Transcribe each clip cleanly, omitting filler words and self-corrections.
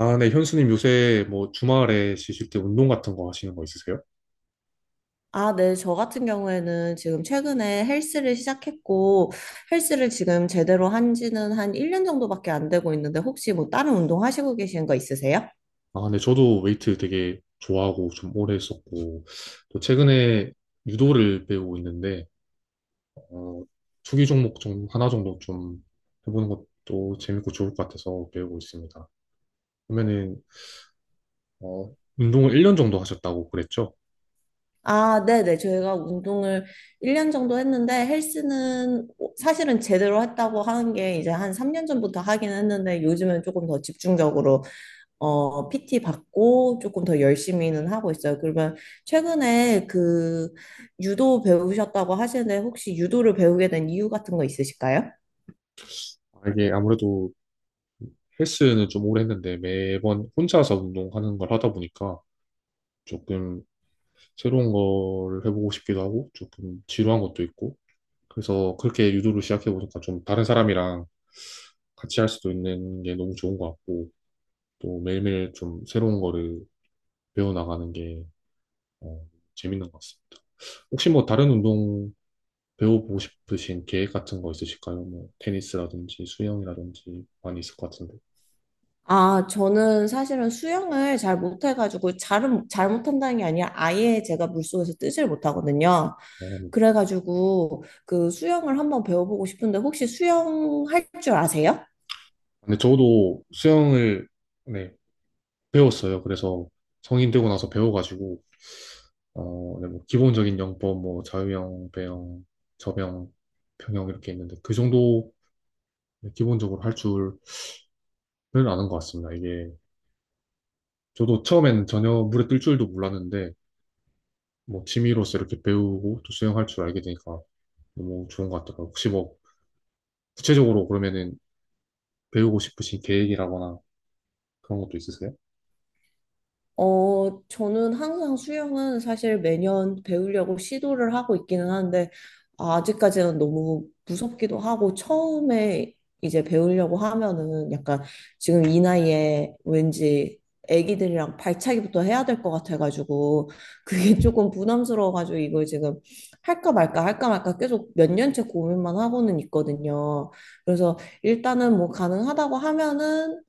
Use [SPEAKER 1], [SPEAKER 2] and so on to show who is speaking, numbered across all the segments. [SPEAKER 1] 아, 네, 현수님 요새 뭐 주말에 쉬실 때 운동 같은 거 하시는 거 있으세요?
[SPEAKER 2] 아, 네. 저 같은 경우에는 지금 최근에 헬스를 시작했고, 헬스를 지금 제대로 한 지는 한 1년 정도밖에 안 되고 있는데, 혹시 뭐 다른 운동 하시고 계신 거 있으세요?
[SPEAKER 1] 아, 네, 저도 웨이트 되게 좋아하고 좀 오래 했었고, 또 최근에 유도를 배우고 있는데, 어, 투기 종목 좀 하나 정도 좀 해보는 것도 재밌고 좋을 것 같아서 배우고 있습니다. 그러면은, 운동을 1년 정도 하셨다고 그랬죠?
[SPEAKER 2] 아, 네네. 저희가 운동을 1년 정도 했는데 헬스는 사실은 제대로 했다고 하는 게 이제 한 3년 전부터 하긴 했는데 요즘은 조금 더 집중적으로 PT 받고 조금 더 열심히는 하고 있어요. 그러면 최근에 그 유도 배우셨다고 하시는데 혹시 유도를 배우게 된 이유 같은 거 있으실까요?
[SPEAKER 1] 아, 이게 아무래도 헬스는 좀 오래 했는데 매번 혼자서 운동하는 걸 하다 보니까 조금 새로운 걸 해보고 싶기도 하고 조금 지루한 것도 있고 그래서 그렇게 유도를 시작해보니까 좀 다른 사람이랑 같이 할 수도 있는 게 너무 좋은 것 같고 또 매일매일 좀 새로운 거를 배워나가는 게 어, 재밌는 것 같습니다. 혹시 뭐 다른 운동 배워보고 싶으신 계획 같은 거 있으실까요? 뭐 테니스라든지 수영이라든지 많이 있을 것 같은데.
[SPEAKER 2] 아, 저는 사실은 수영을 잘 못해가지고, 잘 못한다는 게 아니라 아예 제가 물속에서 뜨질 못하거든요.
[SPEAKER 1] 어,
[SPEAKER 2] 그래가지고, 그 수영을 한번 배워보고 싶은데, 혹시 수영할 줄 아세요?
[SPEAKER 1] 근데 저도 수영을 네, 배웠어요. 그래서 성인 되고 나서 배워가지고 네, 뭐 기본적인 영법, 뭐 자유형, 배형, 저병, 평형 이렇게 있는데 그 정도 기본적으로 할 줄은 아는 것 같습니다. 이게 저도 처음엔 전혀 물에 뜰 줄도 몰랐는데 뭐 취미로서 이렇게 배우고 또 수영할 줄 알게 되니까 너무 좋은 것 같더라고요. 혹시 뭐 구체적으로 그러면은 배우고 싶으신 계획이라거나 그런 것도 있으세요?
[SPEAKER 2] 어, 저는 항상 수영은 사실 매년 배우려고 시도를 하고 있기는 한데, 아직까지는 너무 무섭기도 하고, 처음에 이제 배우려고 하면은 약간 지금 이 나이에 왠지 애기들이랑 발차기부터 해야 될 것 같아가지고, 그게 조금 부담스러워가지고, 이걸 지금 할까 말까, 할까 말까 계속 몇 년째 고민만 하고는 있거든요. 그래서 일단은 뭐 가능하다고 하면은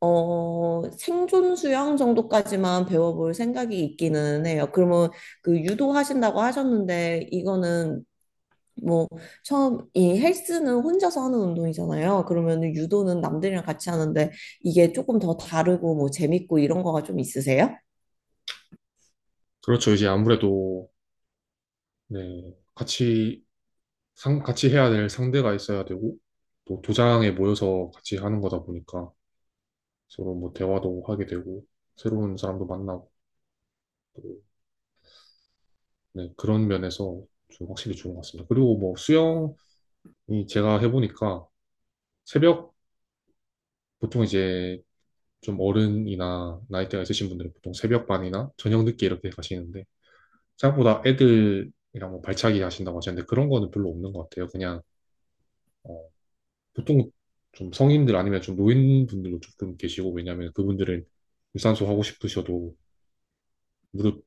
[SPEAKER 2] 생존 수영 정도까지만 배워볼 생각이 있기는 해요. 그러면 그 유도하신다고 하셨는데, 이거는 뭐, 처음, 이 헬스는 혼자서 하는 운동이잖아요. 그러면 유도는 남들이랑 같이 하는데, 이게 조금 더 다르고 뭐 재밌고 이런 거가 좀 있으세요?
[SPEAKER 1] 그렇죠. 이제 아무래도 네, 같이 같이 해야 될 상대가 있어야 되고, 또 도장에 모여서 같이 하는 거다 보니까 서로 뭐 대화도 하게 되고, 새로운 사람도 만나고, 또, 네, 그런 면에서 좀 확실히 좋은 것 같습니다. 그리고 뭐 수영이 제가 해보니까 새벽, 보통 이제 좀 어른이나 나이대가 있으신 분들은 보통 새벽반이나 저녁 늦게 이렇게 가시는데, 생각보다 애들이랑 뭐 발차기 하신다고 하셨는데 그런 거는 별로 없는 것 같아요. 그냥 어, 보통 좀 성인들 아니면 좀 노인분들도 조금 계시고 왜냐하면 그분들은 유산소 하고 싶으셔도 무릎이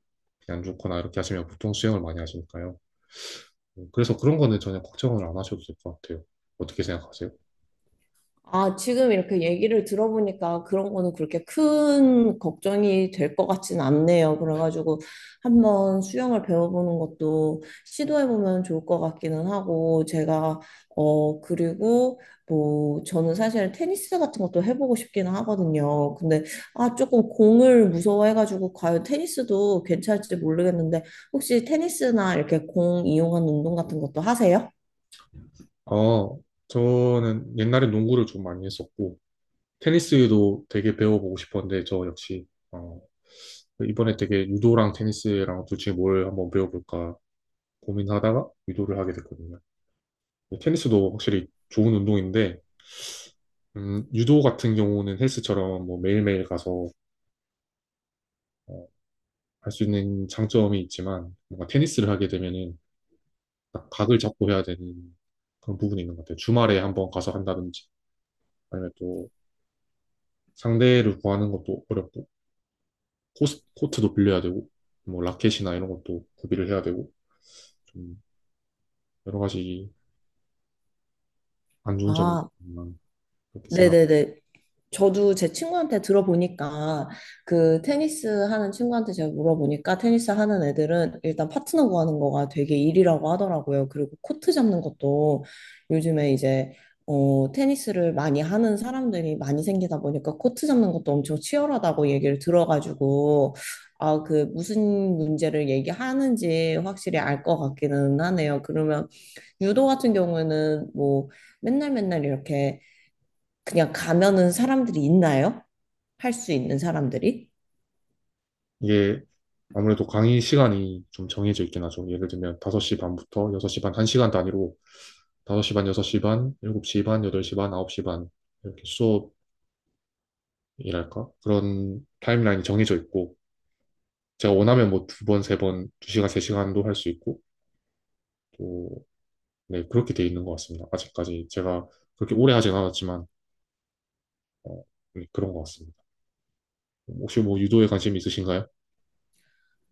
[SPEAKER 1] 안 좋거나 이렇게 하시면 보통 수영을 많이 하시니까요. 그래서 그런 거는 전혀 걱정을 안 하셔도 될 것 같아요. 어떻게 생각하세요?
[SPEAKER 2] 아, 지금 이렇게 얘기를 들어보니까 그런 거는 그렇게 큰 걱정이 될 것 같진 않네요. 그래가지고 한번 수영을 배워보는 것도 시도해보면 좋을 것 같기는 하고, 제가, 그리고 뭐, 저는 사실 테니스 같은 것도 해보고 싶기는 하거든요. 근데, 아, 조금 공을 무서워해가지고, 과연 테니스도 괜찮을지 모르겠는데, 혹시 테니스나 이렇게 공 이용한 운동 같은 것도 하세요?
[SPEAKER 1] 어, 저는 옛날에 농구를 좀 많이 했었고 테니스도 되게 배워보고 싶었는데 저 역시 이번에 되게 유도랑 테니스랑 둘 중에 뭘 한번 배워볼까 고민하다가 유도를 하게 됐거든요. 테니스도 확실히 좋은 운동인데 유도 같은 경우는 헬스처럼 뭐 매일매일 가서 어, 할수 있는 장점이 있지만 뭔가 테니스를 하게 되면은 딱 각을 잡고 해야 되는 그런 부분이 있는 것 같아요. 주말에 한번 가서 한다든지 아니면 또 상대를 구하는 것도 어렵고 코트도 빌려야 되고 뭐 라켓이나 이런 것도 구비를 해야 되고 좀 여러 가지 안 좋은 점이
[SPEAKER 2] 아,
[SPEAKER 1] 있지만 그렇게 생각.
[SPEAKER 2] 네네네. 저도 제 친구한테 들어보니까 그 테니스 하는 친구한테 제가 물어보니까 테니스 하는 애들은 일단 파트너 구하는 거가 되게 일이라고 하더라고요. 그리고 코트 잡는 것도 요즘에 이제 테니스를 많이 하는 사람들이 많이 생기다 보니까 코트 잡는 것도 엄청 치열하다고 얘기를 들어가지고 아, 그 무슨 문제를 얘기하는지 확실히 알 것 같기는 하네요. 그러면 유도 같은 경우에는 뭐 맨날 맨날 이렇게 그냥 가면은 사람들이 있나요? 할 수 있는 사람들이?
[SPEAKER 1] 이게 아무래도 강의 시간이 좀 정해져 있긴 하죠. 예를 들면 5시 반부터 6시 반 1시간 단위로 5시 반, 6시 반, 7시 반, 8시 반, 9시 반 이렇게 수업이랄까? 그런 타임라인이 정해져 있고 제가 원하면 뭐 두 번, 세 번, 두 시간, 세 시간도 할 수 있고 또, 네, 그렇게 돼 있는 것 같습니다. 아직까지 제가 그렇게 오래 하진 않았지만 어, 네, 그런 것 같습니다. 혹시 뭐 유도에 관심이 있으신가요?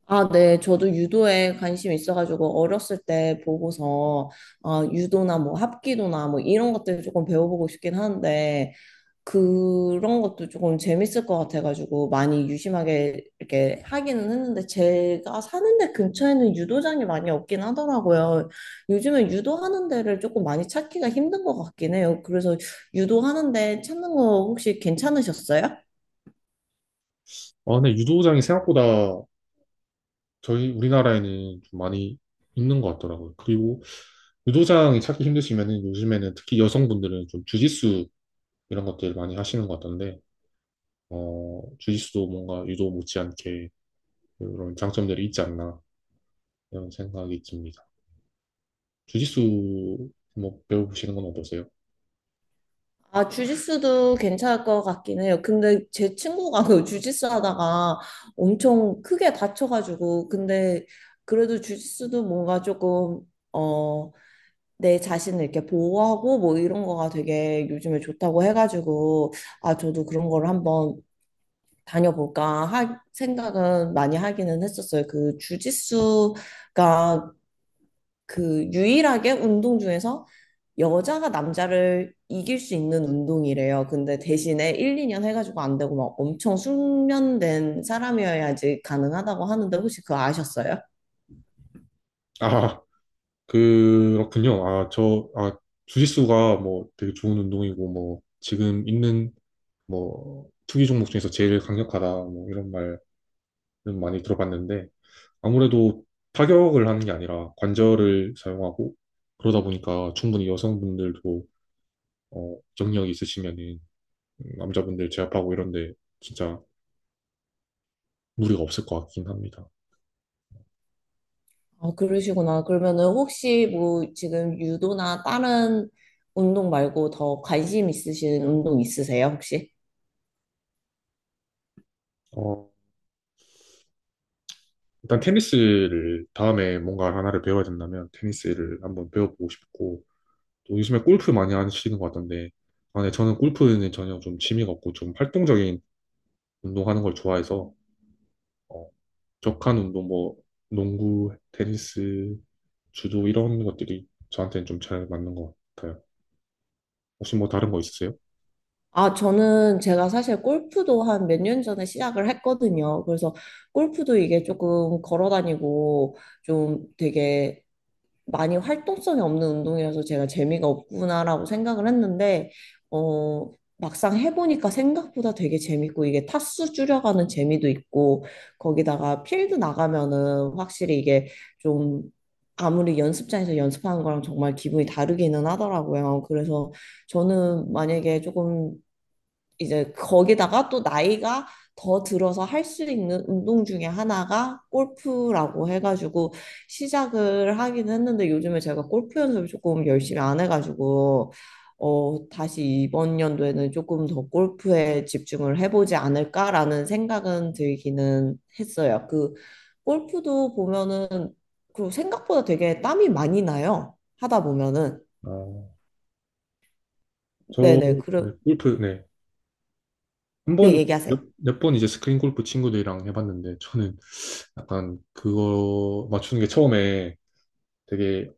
[SPEAKER 2] 아, 네. 저도 유도에 관심이 있어가지고 어렸을 때 보고서 아, 유도나 뭐 합기도나 뭐 이런 것들 조금 배워보고 싶긴 하는데 그런 것도 조금 재밌을 것 같아가지고 많이 유심하게 이렇게 하기는 했는데 제가 사는 데 근처에는 유도장이 많이 없긴 하더라고요. 요즘은 유도하는 데를 조금 많이 찾기가 힘든 것 같긴 해요. 그래서 유도하는 데 찾는 거 혹시 괜찮으셨어요?
[SPEAKER 1] 아, 네, 유도장이 생각보다 저희 우리나라에는 좀 많이 있는 것 같더라고요. 그리고 유도장이 찾기 힘드시면은 요즘에는 특히 여성분들은 좀 주짓수 이런 것들 많이 하시는 것 같던데 주짓수도 뭔가 유도 못지않게 그런 장점들이 있지 않나 이런 생각이 듭니다. 주짓수 뭐 배워보시는 건 어떠세요?
[SPEAKER 2] 아, 주짓수도 괜찮을 것 같긴 해요. 근데 제 친구가 그 주짓수 하다가 엄청 크게 다쳐가지고, 근데 그래도 주짓수도 뭔가 조금, 어, 내 자신을 이렇게 보호하고 뭐 이런 거가 되게 요즘에 좋다고 해가지고, 아, 저도 그런 거를 한번 다녀볼까 생각은 많이 하기는 했었어요. 그 주짓수가 그 유일하게 운동 중에서 여자가 남자를 이길 수 있는 운동이래요. 근데 대신에 1, 2년 해가지고 안 되고 막 엄청 숙련된 사람이어야지 가능하다고 하는데 혹시 그거 아셨어요?
[SPEAKER 1] 아, 그렇군요. 아, 주짓수가 뭐 되게 좋은 운동이고 뭐 지금 있는 뭐 투기 종목 중에서 제일 강력하다 뭐 이런 말은 많이 들어봤는데 아무래도 타격을 하는 게 아니라 관절을 사용하고 그러다 보니까 충분히 여성분들도 경력이 있으시면 남자분들 제압하고 이런데 진짜 무리가 없을 것 같긴 합니다.
[SPEAKER 2] 아, 그러시구나. 그러면은 혹시 뭐 지금 유도나 다른 운동 말고 더 관심 있으신 운동 있으세요, 혹시?
[SPEAKER 1] 어, 일단 테니스를 다음에 뭔가 하나를 배워야 된다면 테니스를 한번 배워보고 싶고 또 요즘에 골프 많이 하시는 것 같던데 아, 네, 저는 골프는 전혀 좀 취미가 없고 좀 활동적인 운동하는 걸 좋아해서 어, 격한 운동 뭐 농구, 테니스, 주도 이런 것들이 저한테는 좀 잘 맞는 것 같아요. 혹시 뭐 다른 거 있으세요?
[SPEAKER 2] 아, 저는 제가 사실 골프도 한 몇 년 전에 시작을 했거든요. 그래서 골프도 이게 조금 걸어 다니고 좀 되게 많이 활동성이 없는 운동이라서 제가 재미가 없구나라고 생각을 했는데, 어, 막상 해보니까 생각보다 되게 재밌고, 이게 타수 줄여가는 재미도 있고, 거기다가 필드 나가면은 확실히 이게 좀 아무리 연습장에서 연습하는 거랑 정말 기분이 다르기는 하더라고요. 그래서 저는 만약에 조금 이제 거기다가 또 나이가 더 들어서 할 수 있는 운동 중에 하나가 골프라고 해가지고 시작을 하긴 했는데 요즘에 제가 골프 연습을 조금 열심히 안 해가지고 다시 이번 연도에는 조금 더 골프에 집중을 해보지 않을까라는 생각은 들기는 했어요. 그 골프도 보면은 그리고 생각보다 되게 땀이 많이 나요. 하다 보면은
[SPEAKER 1] 아, 저
[SPEAKER 2] 네네 그래
[SPEAKER 1] 네, 골프 네. 한
[SPEAKER 2] 네
[SPEAKER 1] 번,
[SPEAKER 2] 얘기하세요.
[SPEAKER 1] 몇 번 이제 스크린 골프 친구들이랑 해봤는데, 저는 약간 그거 맞추는 게 처음에 되게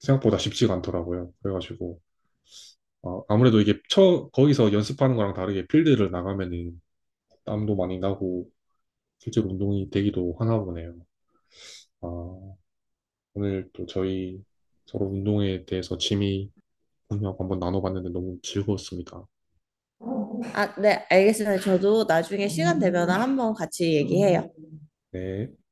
[SPEAKER 1] 생각보다 쉽지가 않더라고요. 그래가지고, 아무래도 이게 거기서 연습하는 거랑 다르게 필드를 나가면은 땀도 많이 나고, 실제로 운동이 되기도 하나 보네요. 아, 오늘 또 저희 서로 운동에 대해서 취미 공유하고 한번 나눠봤는데 너무 즐거웠습니다.
[SPEAKER 2] 아, 네, 알겠습니다. 저도 나중에 시간 되면 한번 같이 얘기해요.
[SPEAKER 1] 네.